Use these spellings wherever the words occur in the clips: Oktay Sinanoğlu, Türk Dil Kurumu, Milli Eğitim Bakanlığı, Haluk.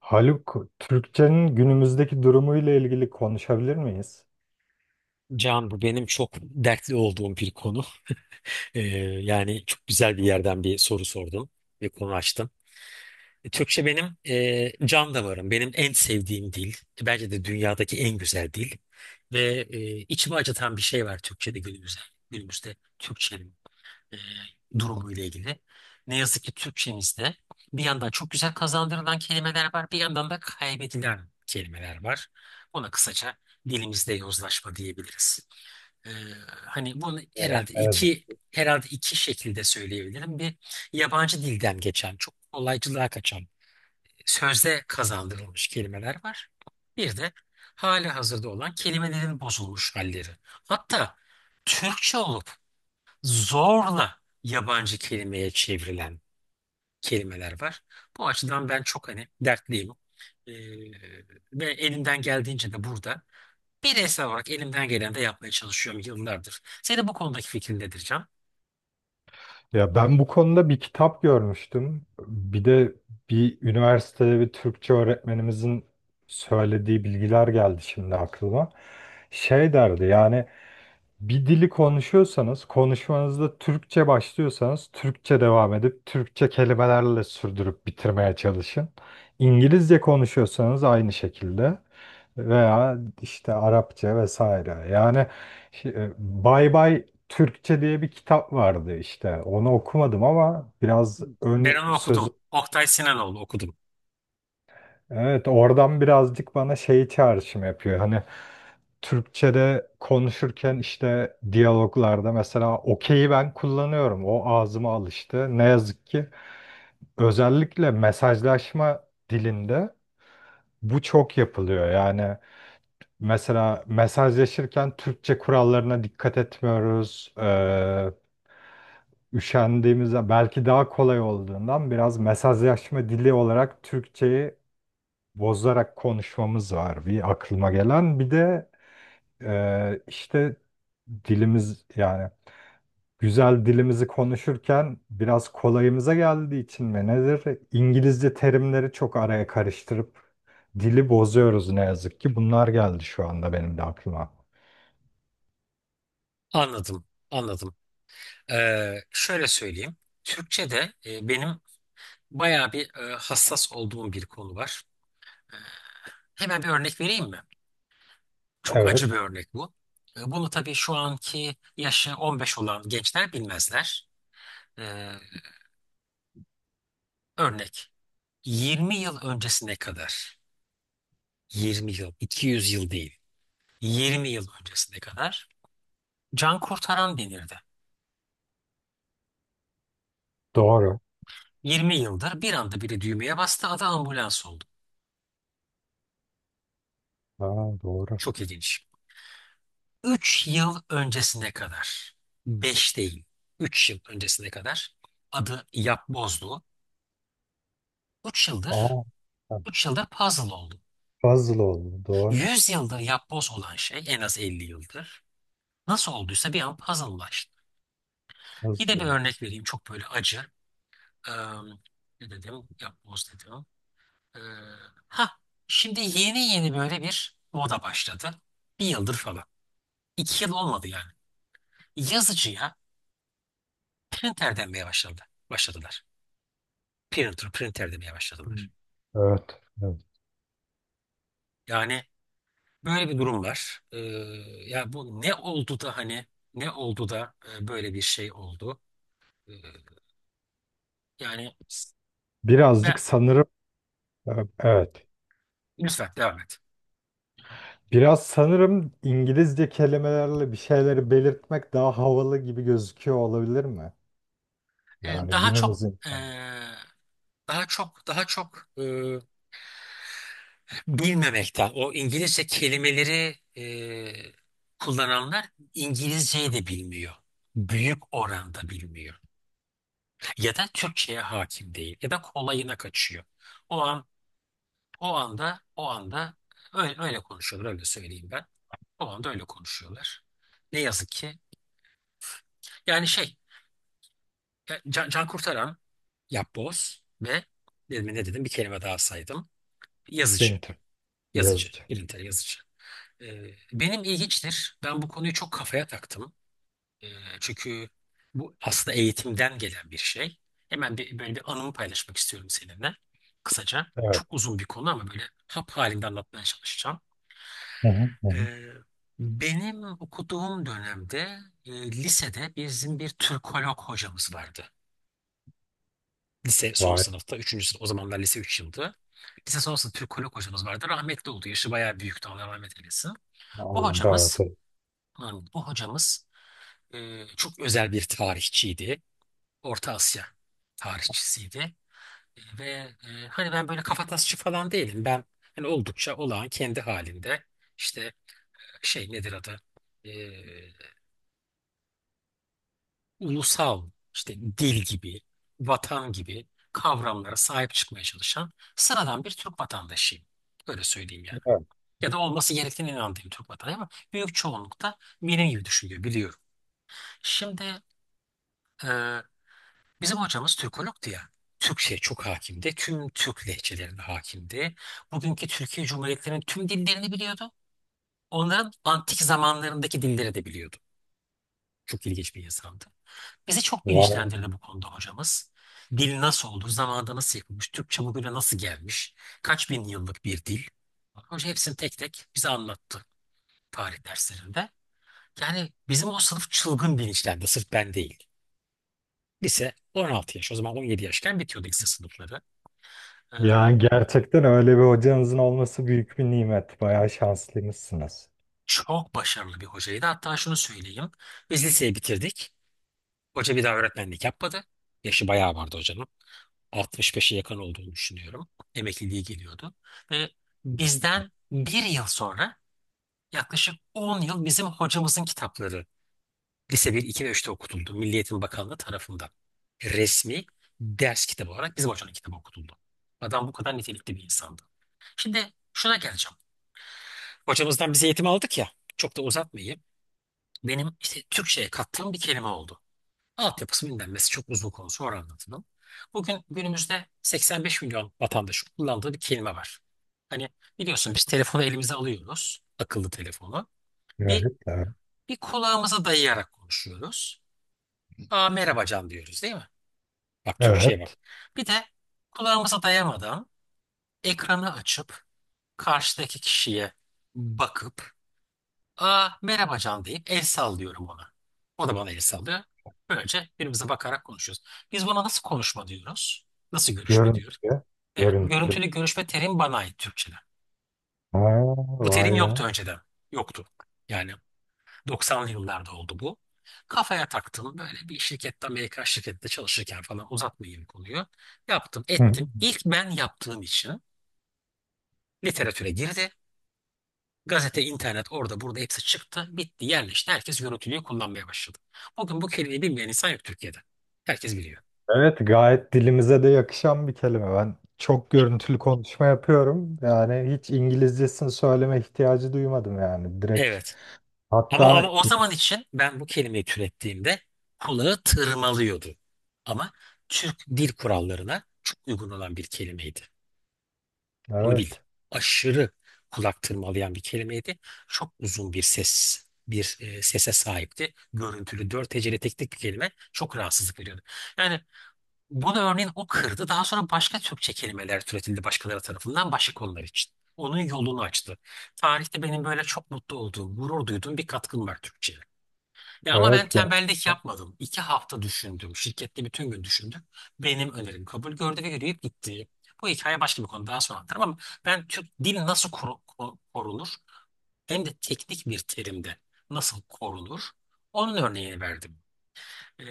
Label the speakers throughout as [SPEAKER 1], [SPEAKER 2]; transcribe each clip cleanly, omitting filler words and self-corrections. [SPEAKER 1] Haluk, Türkçenin günümüzdeki durumuyla ilgili konuşabilir miyiz?
[SPEAKER 2] Can bu benim çok dertli olduğum bir konu. Ee, yani çok güzel bir yerden bir soru sordun ve konu açtın. Türkçe benim can damarım. Benim en sevdiğim dil. Bence de dünyadaki en güzel dil. Ve içimi acıtan bir şey var Türkçe'de günümüzde. Günümüzde Türkçenin e, durumu ile ilgili. Ne yazık ki Türkçemizde bir yandan çok güzel kazandırılan kelimeler var, bir yandan da kaybedilen kelimeler var. Ona kısaca dilimizde yozlaşma diyebiliriz. Ee, Hani bunu
[SPEAKER 1] Evet.
[SPEAKER 2] herhalde
[SPEAKER 1] evet.
[SPEAKER 2] iki herhalde iki şekilde söyleyebilirim. Bir yabancı dilden geçen, çok kolaycılığa kaçan, sözde kazandırılmış kelimeler var. Bir de hali hazırda olan kelimelerin bozulmuş halleri. Hatta Türkçe olup zorla yabancı kelimeye çevrilen kelimeler var. Bu açıdan ben çok hani dertliyim. Ee, ve elimden geldiğince de burada bireysel olarak elimden geleni de yapmaya çalışıyorum yıllardır. Senin bu konudaki fikrin nedir, Can?
[SPEAKER 1] Ya ben bu konuda bir kitap görmüştüm. Bir de üniversitede bir Türkçe öğretmenimizin söylediği bilgiler geldi şimdi aklıma. Şey derdi, yani bir dili konuşuyorsanız, konuşmanızda Türkçe başlıyorsanız Türkçe devam edip Türkçe kelimelerle sürdürüp bitirmeye çalışın. İngilizce konuşuyorsanız aynı şekilde, veya işte Arapça vesaire. Yani bye bay Türkçe diye bir kitap vardı işte. Onu okumadım, ama biraz
[SPEAKER 2] Ben
[SPEAKER 1] ön
[SPEAKER 2] onu
[SPEAKER 1] söz.
[SPEAKER 2] okudum. Oktay Sinanoğlu okudum.
[SPEAKER 1] Evet, oradan birazcık bana şey çağrışım yapıyor. Hani Türkçe'de konuşurken işte diyaloglarda mesela okey'i ben kullanıyorum. O ağzıma alıştı. Ne yazık ki özellikle mesajlaşma dilinde bu çok yapılıyor. Yani mesela mesajlaşırken Türkçe kurallarına dikkat etmiyoruz. Üşendiğimizde belki daha kolay olduğundan biraz mesajlaşma dili olarak Türkçe'yi bozarak konuşmamız var, bir aklıma gelen. Bir de işte dilimiz, yani güzel dilimizi konuşurken biraz kolayımıza geldiği için mi nedir, İngilizce terimleri çok araya karıştırıp dili bozuyoruz ne yazık ki. Bunlar geldi şu anda benim de aklıma.
[SPEAKER 2] Anladım, anladım. Şöyle söyleyeyim. Türkçe'de benim bayağı bir hassas olduğum bir konu var. Hemen bir örnek vereyim mi? Çok acı bir
[SPEAKER 1] Evet,
[SPEAKER 2] örnek bu. Bunu tabii şu anki yaşı 15 olan gençler bilmezler. Ee, örnek: 20 yıl öncesine kadar, 20 yıl, 200 yıl değil, 20 yıl öncesine kadar can kurtaran denirdi.
[SPEAKER 1] doğru.
[SPEAKER 2] 20 yıldır bir anda biri düğmeye bastı, adı ambulans oldu.
[SPEAKER 1] Aa, doğru.
[SPEAKER 2] Çok ilginç. 3 yıl öncesine kadar, 5 değil, 3 yıl öncesine kadar adı yapbozdu. 3 yıldır
[SPEAKER 1] Aa, ha,
[SPEAKER 2] 3 yıldır puzzle oldu.
[SPEAKER 1] puzzle oldu, doğru.
[SPEAKER 2] 100 yıldır yapboz olan şey, en az 50 yıldır. Nasıl olduysa bir an puzzle'laştı. Yine
[SPEAKER 1] Puzzle
[SPEAKER 2] bir
[SPEAKER 1] oldu.
[SPEAKER 2] örnek vereyim, çok böyle acı. Em, Ne dedim? Yapboz dedim. Ee, ha Şimdi yeni yeni böyle bir moda başladı. Bir yıldır falan. 2 yıl olmadı yani. Yazıcıya printer denmeye başladı. Başladılar. Printer, printer demeye
[SPEAKER 1] Hı.
[SPEAKER 2] başladılar.
[SPEAKER 1] Evet, evet.
[SPEAKER 2] Yani böyle bir durum var. Ya bu ne oldu da hani ne oldu da böyle bir şey oldu? Ee, yani
[SPEAKER 1] S- Birazcık
[SPEAKER 2] ben,
[SPEAKER 1] sanırım, e, evet.
[SPEAKER 2] lütfen devam et.
[SPEAKER 1] Biraz sanırım İngilizce kelimelerle bir şeyleri belirtmek daha havalı gibi gözüküyor, olabilir mi?
[SPEAKER 2] Ee,
[SPEAKER 1] Yani
[SPEAKER 2] daha
[SPEAKER 1] günümüz
[SPEAKER 2] çok e,
[SPEAKER 1] insanı.
[SPEAKER 2] daha çok bilmemekten. O İngilizce kelimeleri kullananlar İngilizceyi de bilmiyor. Büyük oranda bilmiyor. Ya da Türkçe'ye hakim değil. Ya da kolayına kaçıyor. O an, o anda öyle konuşuyorlar. Öyle söyleyeyim ben. O anda öyle konuşuyorlar. Ne yazık ki. Yani şey, can kurtaran, yapboz ve dedim, ne dedim, bir kelime daha saydım. Yazıcı.
[SPEAKER 1] Printer,
[SPEAKER 2] Yazıcı.
[SPEAKER 1] yazıcı.
[SPEAKER 2] Birintel yazıcı. Benim ilginçtir. Ben bu konuyu çok kafaya taktım. Ee, çünkü bu aslında eğitimden gelen bir şey. Hemen böyle bir anımı paylaşmak istiyorum seninle. Kısaca.
[SPEAKER 1] Evet.
[SPEAKER 2] Çok uzun bir konu ama böyle hap halinde anlatmaya çalışacağım.
[SPEAKER 1] Hı hı, hı hı.
[SPEAKER 2] Ee, benim okuduğum dönemde lisede bizim bir Türkolog hocamız vardı. Lise son
[SPEAKER 1] Vay.
[SPEAKER 2] sınıfta, üçüncü sınıf. O zamanlar lise 3 yıldı. Lise son sınıf Türkolog hocamız vardı. Rahmetli oldu. Yaşı bayağı büyüktü. Allah rahmet eylesin. O
[SPEAKER 1] Allah rahat
[SPEAKER 2] hocamız,
[SPEAKER 1] eylesin.
[SPEAKER 2] o hocamız çok özel bir tarihçiydi. Orta Asya tarihçisiydi. Ve hani ben böyle kafatasçı falan değilim. Ben hani oldukça olağan kendi halinde işte şey nedir adı? Ee, ulusal işte, dil gibi, vatan gibi kavramlara sahip çıkmaya çalışan sıradan bir Türk vatandaşıyım. Öyle söyleyeyim yani.
[SPEAKER 1] Evet.
[SPEAKER 2] Ya da olması gerektiğine inandığım Türk vatandaşı, ama büyük çoğunlukta benim gibi düşünüyor, biliyorum. Şimdi bizim hocamız Türkolog'du ya. Türkçe'ye çok hakimdi. Tüm Türk lehçelerine hakimdi. Bugünkü Türkiye Cumhuriyetlerinin tüm dillerini biliyordu. Onların antik zamanlarındaki dilleri de biliyordu. Çok ilginç bir insandı. Bizi çok
[SPEAKER 1] Vay.
[SPEAKER 2] bilinçlendirdi bu konuda hocamız. Dil nasıl oldu, zamanda nasıl yapılmış, Türkçe bugüne nasıl gelmiş, kaç bin yıllık bir dil. Hoca hepsini tek tek bize anlattı tarih derslerinde. Yani bizim o sınıf çılgın bilinçlendi, sırf ben değil. Lise 16 yaş, o zaman 17 yaşken bitiyordu lise sınıfları. Ee,
[SPEAKER 1] Yani gerçekten öyle bir hocanızın olması büyük bir nimet. Bayağı şanslıymışsınız.
[SPEAKER 2] Çok başarılı bir hocaydı. Hatta şunu söyleyeyim. Biz liseyi bitirdik. Hoca bir daha öğretmenlik yapmadı. Yaşı bayağı vardı hocanın. 65'e yakın olduğunu düşünüyorum. Emekliliği geliyordu. Ve bizden bir yıl sonra, yaklaşık 10 yıl, bizim hocamızın kitapları lise bir, iki ve 3'te okutuldu. Milli Eğitim Bakanlığı tarafından. Resmi ders kitabı olarak bizim hocanın kitabı okutuldu. Adam bu kadar nitelikli bir insandı. Şimdi şuna geleceğim. Hocamızdan biz eğitim aldık ya. Çok da uzatmayayım. Benim işte Türkçe'ye kattığım bir kelime oldu. Altyapısı bilinmesi çok uzun konu, sonra anlatırım. Bugün günümüzde 85 milyon vatandaşın kullandığı bir kelime var. Hani biliyorsun, biz telefonu elimize alıyoruz, akıllı telefonu. Bir,
[SPEAKER 1] Evet. Evet.
[SPEAKER 2] bir kulağımıza dayayarak konuşuyoruz. "Aa, merhaba Can," diyoruz, değil mi? Bak Türkçe'ye bak.
[SPEAKER 1] Evet.
[SPEAKER 2] Bir de kulağımıza dayamadan ekranı açıp karşıdaki kişiye bakıp "Aa, merhaba Can," deyip el sallıyorum ona. O da bana el sallıyor. Böylece birbirimize bakarak konuşuyoruz. Biz buna nasıl konuşma diyoruz? Nasıl görüşme diyoruz?
[SPEAKER 1] Görüntülü.
[SPEAKER 2] Evet,
[SPEAKER 1] Görüntülü.
[SPEAKER 2] görüntülü görüşme terim bana ait Türkçe'de.
[SPEAKER 1] Ha,
[SPEAKER 2] Bu terim
[SPEAKER 1] vay be.
[SPEAKER 2] yoktu önceden. Yoktu. Yani 90'lı yıllarda oldu bu. Kafaya taktım, böyle bir şirkette, Amerikan şirkette çalışırken falan, uzatmayayım konuyu. Yaptım
[SPEAKER 1] Hı.
[SPEAKER 2] ettim. İlk ben yaptığım için literatüre girdi. Gazete, internet, orada burada hepsi çıktı. Bitti, yerleşti. Herkes görüntülüğü kullanmaya başladı. Bugün bu kelimeyi bilmeyen insan yok Türkiye'de. Herkes biliyor.
[SPEAKER 1] Evet, gayet dilimize de yakışan bir kelime. Ben çok görüntülü konuşma yapıyorum. Yani hiç İngilizcesini söyleme ihtiyacı duymadım yani. Direkt,
[SPEAKER 2] Evet. Ama
[SPEAKER 1] hatta
[SPEAKER 2] ama o zaman için, ben bu kelimeyi türettiğimde kulağı tırmalıyordu. Ama Türk dil kurallarına çok uygun olan bir kelimeydi. Onu bil.
[SPEAKER 1] evet,
[SPEAKER 2] Aşırı kulak tırmalayan bir kelimeydi. Çok uzun bir ses, bir sese sahipti. Görüntülü, dört heceli tek bir kelime, çok rahatsızlık veriyordu. Yani bunu örneğin o kırdı. Daha sonra başka Türkçe kelimeler türetildi başkaları tarafından, başka konular için. Onun yolunu açtı. Tarihte benim böyle çok mutlu olduğum, gurur duyduğum bir katkım var Türkçe'ye. Ya ama ben
[SPEAKER 1] evet,
[SPEAKER 2] tembellik
[SPEAKER 1] gerçekten.
[SPEAKER 2] yapmadım. 2 hafta düşündüm. Şirkette bütün gün düşündüm. Benim önerim kabul gördü ve yürüyüp gitti. Bu hikaye başka bir konu, daha sonra anlatırım. Ama ben Türk dil nasıl korunur, hem de teknik bir terimde nasıl korunur, onun örneğini verdim. Ee,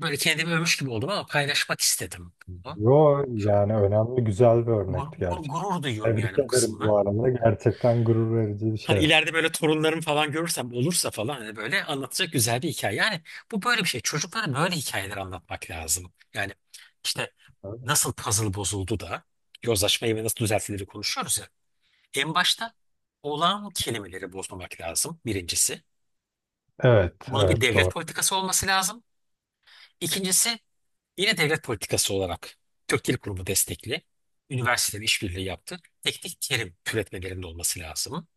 [SPEAKER 2] böyle kendimi övmüş gibi oldum, ama paylaşmak istedim.
[SPEAKER 1] Yo,
[SPEAKER 2] Çok
[SPEAKER 1] yani önemli, güzel bir
[SPEAKER 2] gur-
[SPEAKER 1] örnekti
[SPEAKER 2] gur-
[SPEAKER 1] gerçekten.
[SPEAKER 2] gurur duyuyorum
[SPEAKER 1] Tebrik
[SPEAKER 2] yani bu
[SPEAKER 1] ederim
[SPEAKER 2] kısımla.
[SPEAKER 1] bu arada. Gerçekten gurur verici bir şey.
[SPEAKER 2] Hani ileride böyle torunlarım falan görürsem, olursa falan, hani böyle anlatacak güzel bir hikaye. Yani bu böyle bir şey. Çocuklara böyle hikayeler anlatmak lazım. Yani işte, nasıl puzzle bozuldu da yozlaşmayı ve nasıl düzeltileri konuşuyoruz ya. En başta olağan kelimeleri bozmamak lazım, birincisi.
[SPEAKER 1] Evet,
[SPEAKER 2] Bunun bir
[SPEAKER 1] evet
[SPEAKER 2] devlet
[SPEAKER 1] doğru.
[SPEAKER 2] politikası olması lazım. İkincisi, yine devlet politikası olarak, Türk Dil Kurumu destekli, üniversiteler işbirliği yaptı, teknik terim türetmelerinde olması lazım.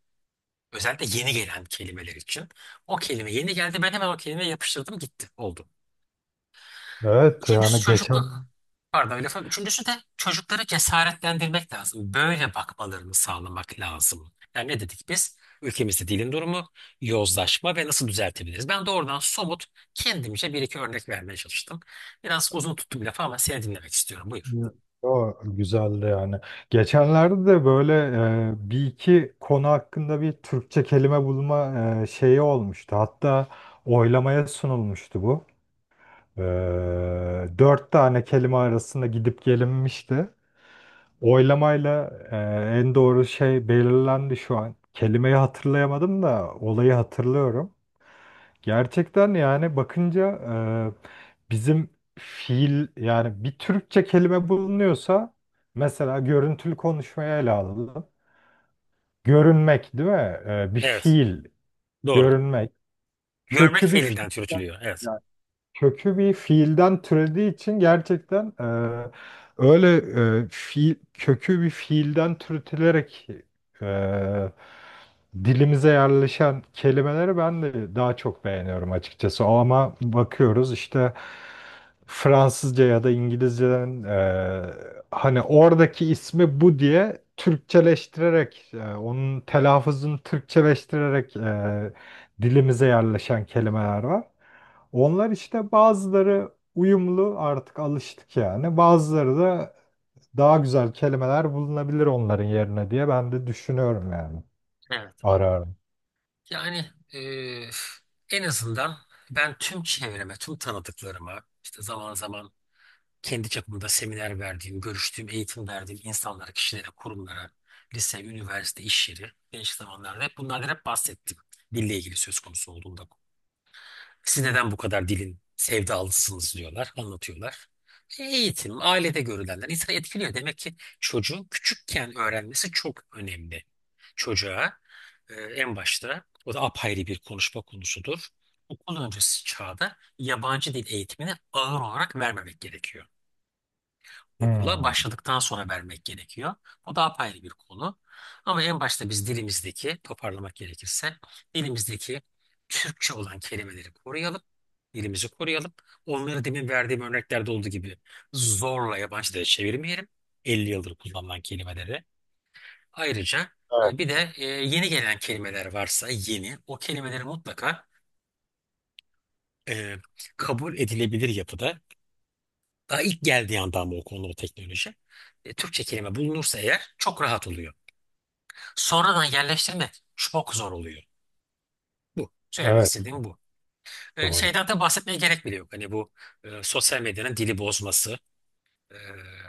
[SPEAKER 2] Özellikle yeni gelen kelimeler için. O kelime yeni geldi, ben hemen o kelimeye yapıştırdım, gitti. Oldu.
[SPEAKER 1] Evet
[SPEAKER 2] Üçüncüsü
[SPEAKER 1] yani
[SPEAKER 2] çocuklu...
[SPEAKER 1] geçen.
[SPEAKER 2] Pardon lafı. Üçüncüsü de çocukları cesaretlendirmek lazım. Böyle bakmalarını sağlamak lazım. Yani ne dedik biz? Ülkemizde dilin durumu, yozlaşma ve nasıl düzeltebiliriz? Ben doğrudan somut, kendimce bir iki örnek vermeye çalıştım. Biraz uzun tuttum lafı ama seni dinlemek istiyorum. Buyur.
[SPEAKER 1] Evet. O güzeldi yani. Geçenlerde de böyle bir iki konu hakkında bir Türkçe kelime bulma şeyi olmuştu. Hatta oylamaya sunulmuştu bu. E, Dört tane kelime arasında gidip gelinmişti. Oylamayla, en doğru şey belirlendi şu an. Kelimeyi hatırlayamadım da olayı hatırlıyorum. Gerçekten yani bakınca bizim fiil, yani bir Türkçe kelime bulunuyorsa mesela görüntülü konuşmaya ele alalım. Görünmek değil mi? Bir
[SPEAKER 2] Evet.
[SPEAKER 1] fiil,
[SPEAKER 2] Doğru.
[SPEAKER 1] görünmek.
[SPEAKER 2] Görmek
[SPEAKER 1] Kökü bir fiil
[SPEAKER 2] fiilinden türütülüyor. Evet.
[SPEAKER 1] kökü bir fiilden türediği için gerçekten, öyle fiil, kökü bir fiilden türetilerek e, dilimize yerleşen kelimeleri ben de daha çok beğeniyorum açıkçası. Ama bakıyoruz işte Fransızca ya da İngilizceden, hani oradaki ismi bu diye Türkçeleştirerek, onun telaffuzunu Türkçeleştirerek, dilimize yerleşen kelimeler var. Onlar işte, bazıları uyumlu, artık alıştık yani. Bazıları da daha güzel kelimeler bulunabilir onların yerine diye ben de düşünüyorum yani.
[SPEAKER 2] Evet.
[SPEAKER 1] Ararım.
[SPEAKER 2] Yani eee, en azından ben tüm çevreme, tüm tanıdıklarıma, işte zaman zaman kendi çapımda seminer verdiğim, görüştüğüm, eğitim verdiğim insanlara, kişilere, kurumlara, lise, üniversite, iş yeri, değişik zamanlarda hep bunlardan hep bahsettim. Dille ilgili söz konusu olduğunda. Siz neden bu kadar dilin sevdalısınız, diyorlar, anlatıyorlar. Eğitim, ailede görülenler insanı etkiliyor. Demek ki çocuğun küçükken öğrenmesi çok önemli. Çocuğa en başta, o da apayrı bir konuşma konusudur. Okul öncesi çağda yabancı dil eğitimini ağır olarak vermemek gerekiyor, okula
[SPEAKER 1] Hmm.
[SPEAKER 2] başladıktan sonra vermek gerekiyor. O da apayrı bir konu. Ama en başta biz dilimizdeki, toparlamak gerekirse, dilimizdeki Türkçe olan kelimeleri koruyalım. Dilimizi koruyalım. Onları demin verdiğim örneklerde olduğu gibi zorla yabancı dile çevirmeyelim. 50 yıldır kullanılan kelimeleri. Ayrıca
[SPEAKER 1] Evet.
[SPEAKER 2] bir de yeni gelen kelimeler varsa yeni, o kelimeleri mutlaka e, kabul edilebilir yapıda. Daha ilk geldiği andan bu konu, bu teknoloji. Türkçe kelime bulunursa eğer, çok rahat oluyor. Sonradan yerleştirmek çok zor oluyor. Bu. Söylemek
[SPEAKER 1] Evet
[SPEAKER 2] istediğim bu.
[SPEAKER 1] doğru.
[SPEAKER 2] Şeyden de bahsetmeye gerek bile yok. Hani bu sosyal medyanın dili bozması, e,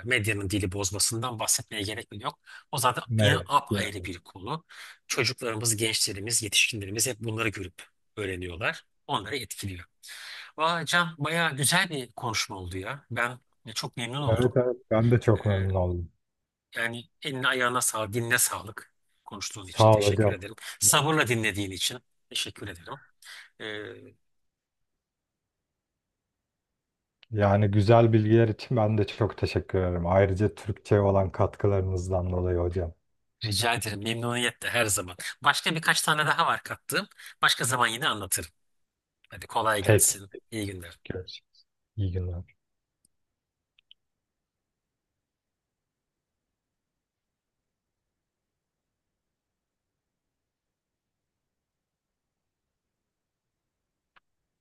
[SPEAKER 2] medyanın dili bozmasından bahsetmeye gerek bile yok. O zaten yine
[SPEAKER 1] Evet.
[SPEAKER 2] apayrı bir konu. Çocuklarımız, gençlerimiz, yetişkinlerimiz hep bunları görüp öğreniyorlar. Onları etkiliyor. Vay Can, bayağı güzel bir konuşma oldu ya. Ben çok memnun
[SPEAKER 1] Evet,
[SPEAKER 2] oldum.
[SPEAKER 1] evet ben de
[SPEAKER 2] E,
[SPEAKER 1] çok memnun oldum.
[SPEAKER 2] Yani eline ayağına sağlık, dinle sağlık. Konuştuğun için
[SPEAKER 1] Sağ ol
[SPEAKER 2] teşekkür
[SPEAKER 1] hocam.
[SPEAKER 2] ederim. Sabırla dinlediğin için teşekkür ederim. Ee,
[SPEAKER 1] Yani güzel bilgiler için ben de çok teşekkür ederim. Ayrıca Türkçe olan katkılarınızdan dolayı hocam.
[SPEAKER 2] rica ederim. Memnuniyetle her zaman. Başka birkaç tane daha var kattığım. Başka zaman yine anlatırım. Hadi kolay
[SPEAKER 1] Peki.
[SPEAKER 2] gelsin. İyi günler.
[SPEAKER 1] Görüşürüz. İyi günler.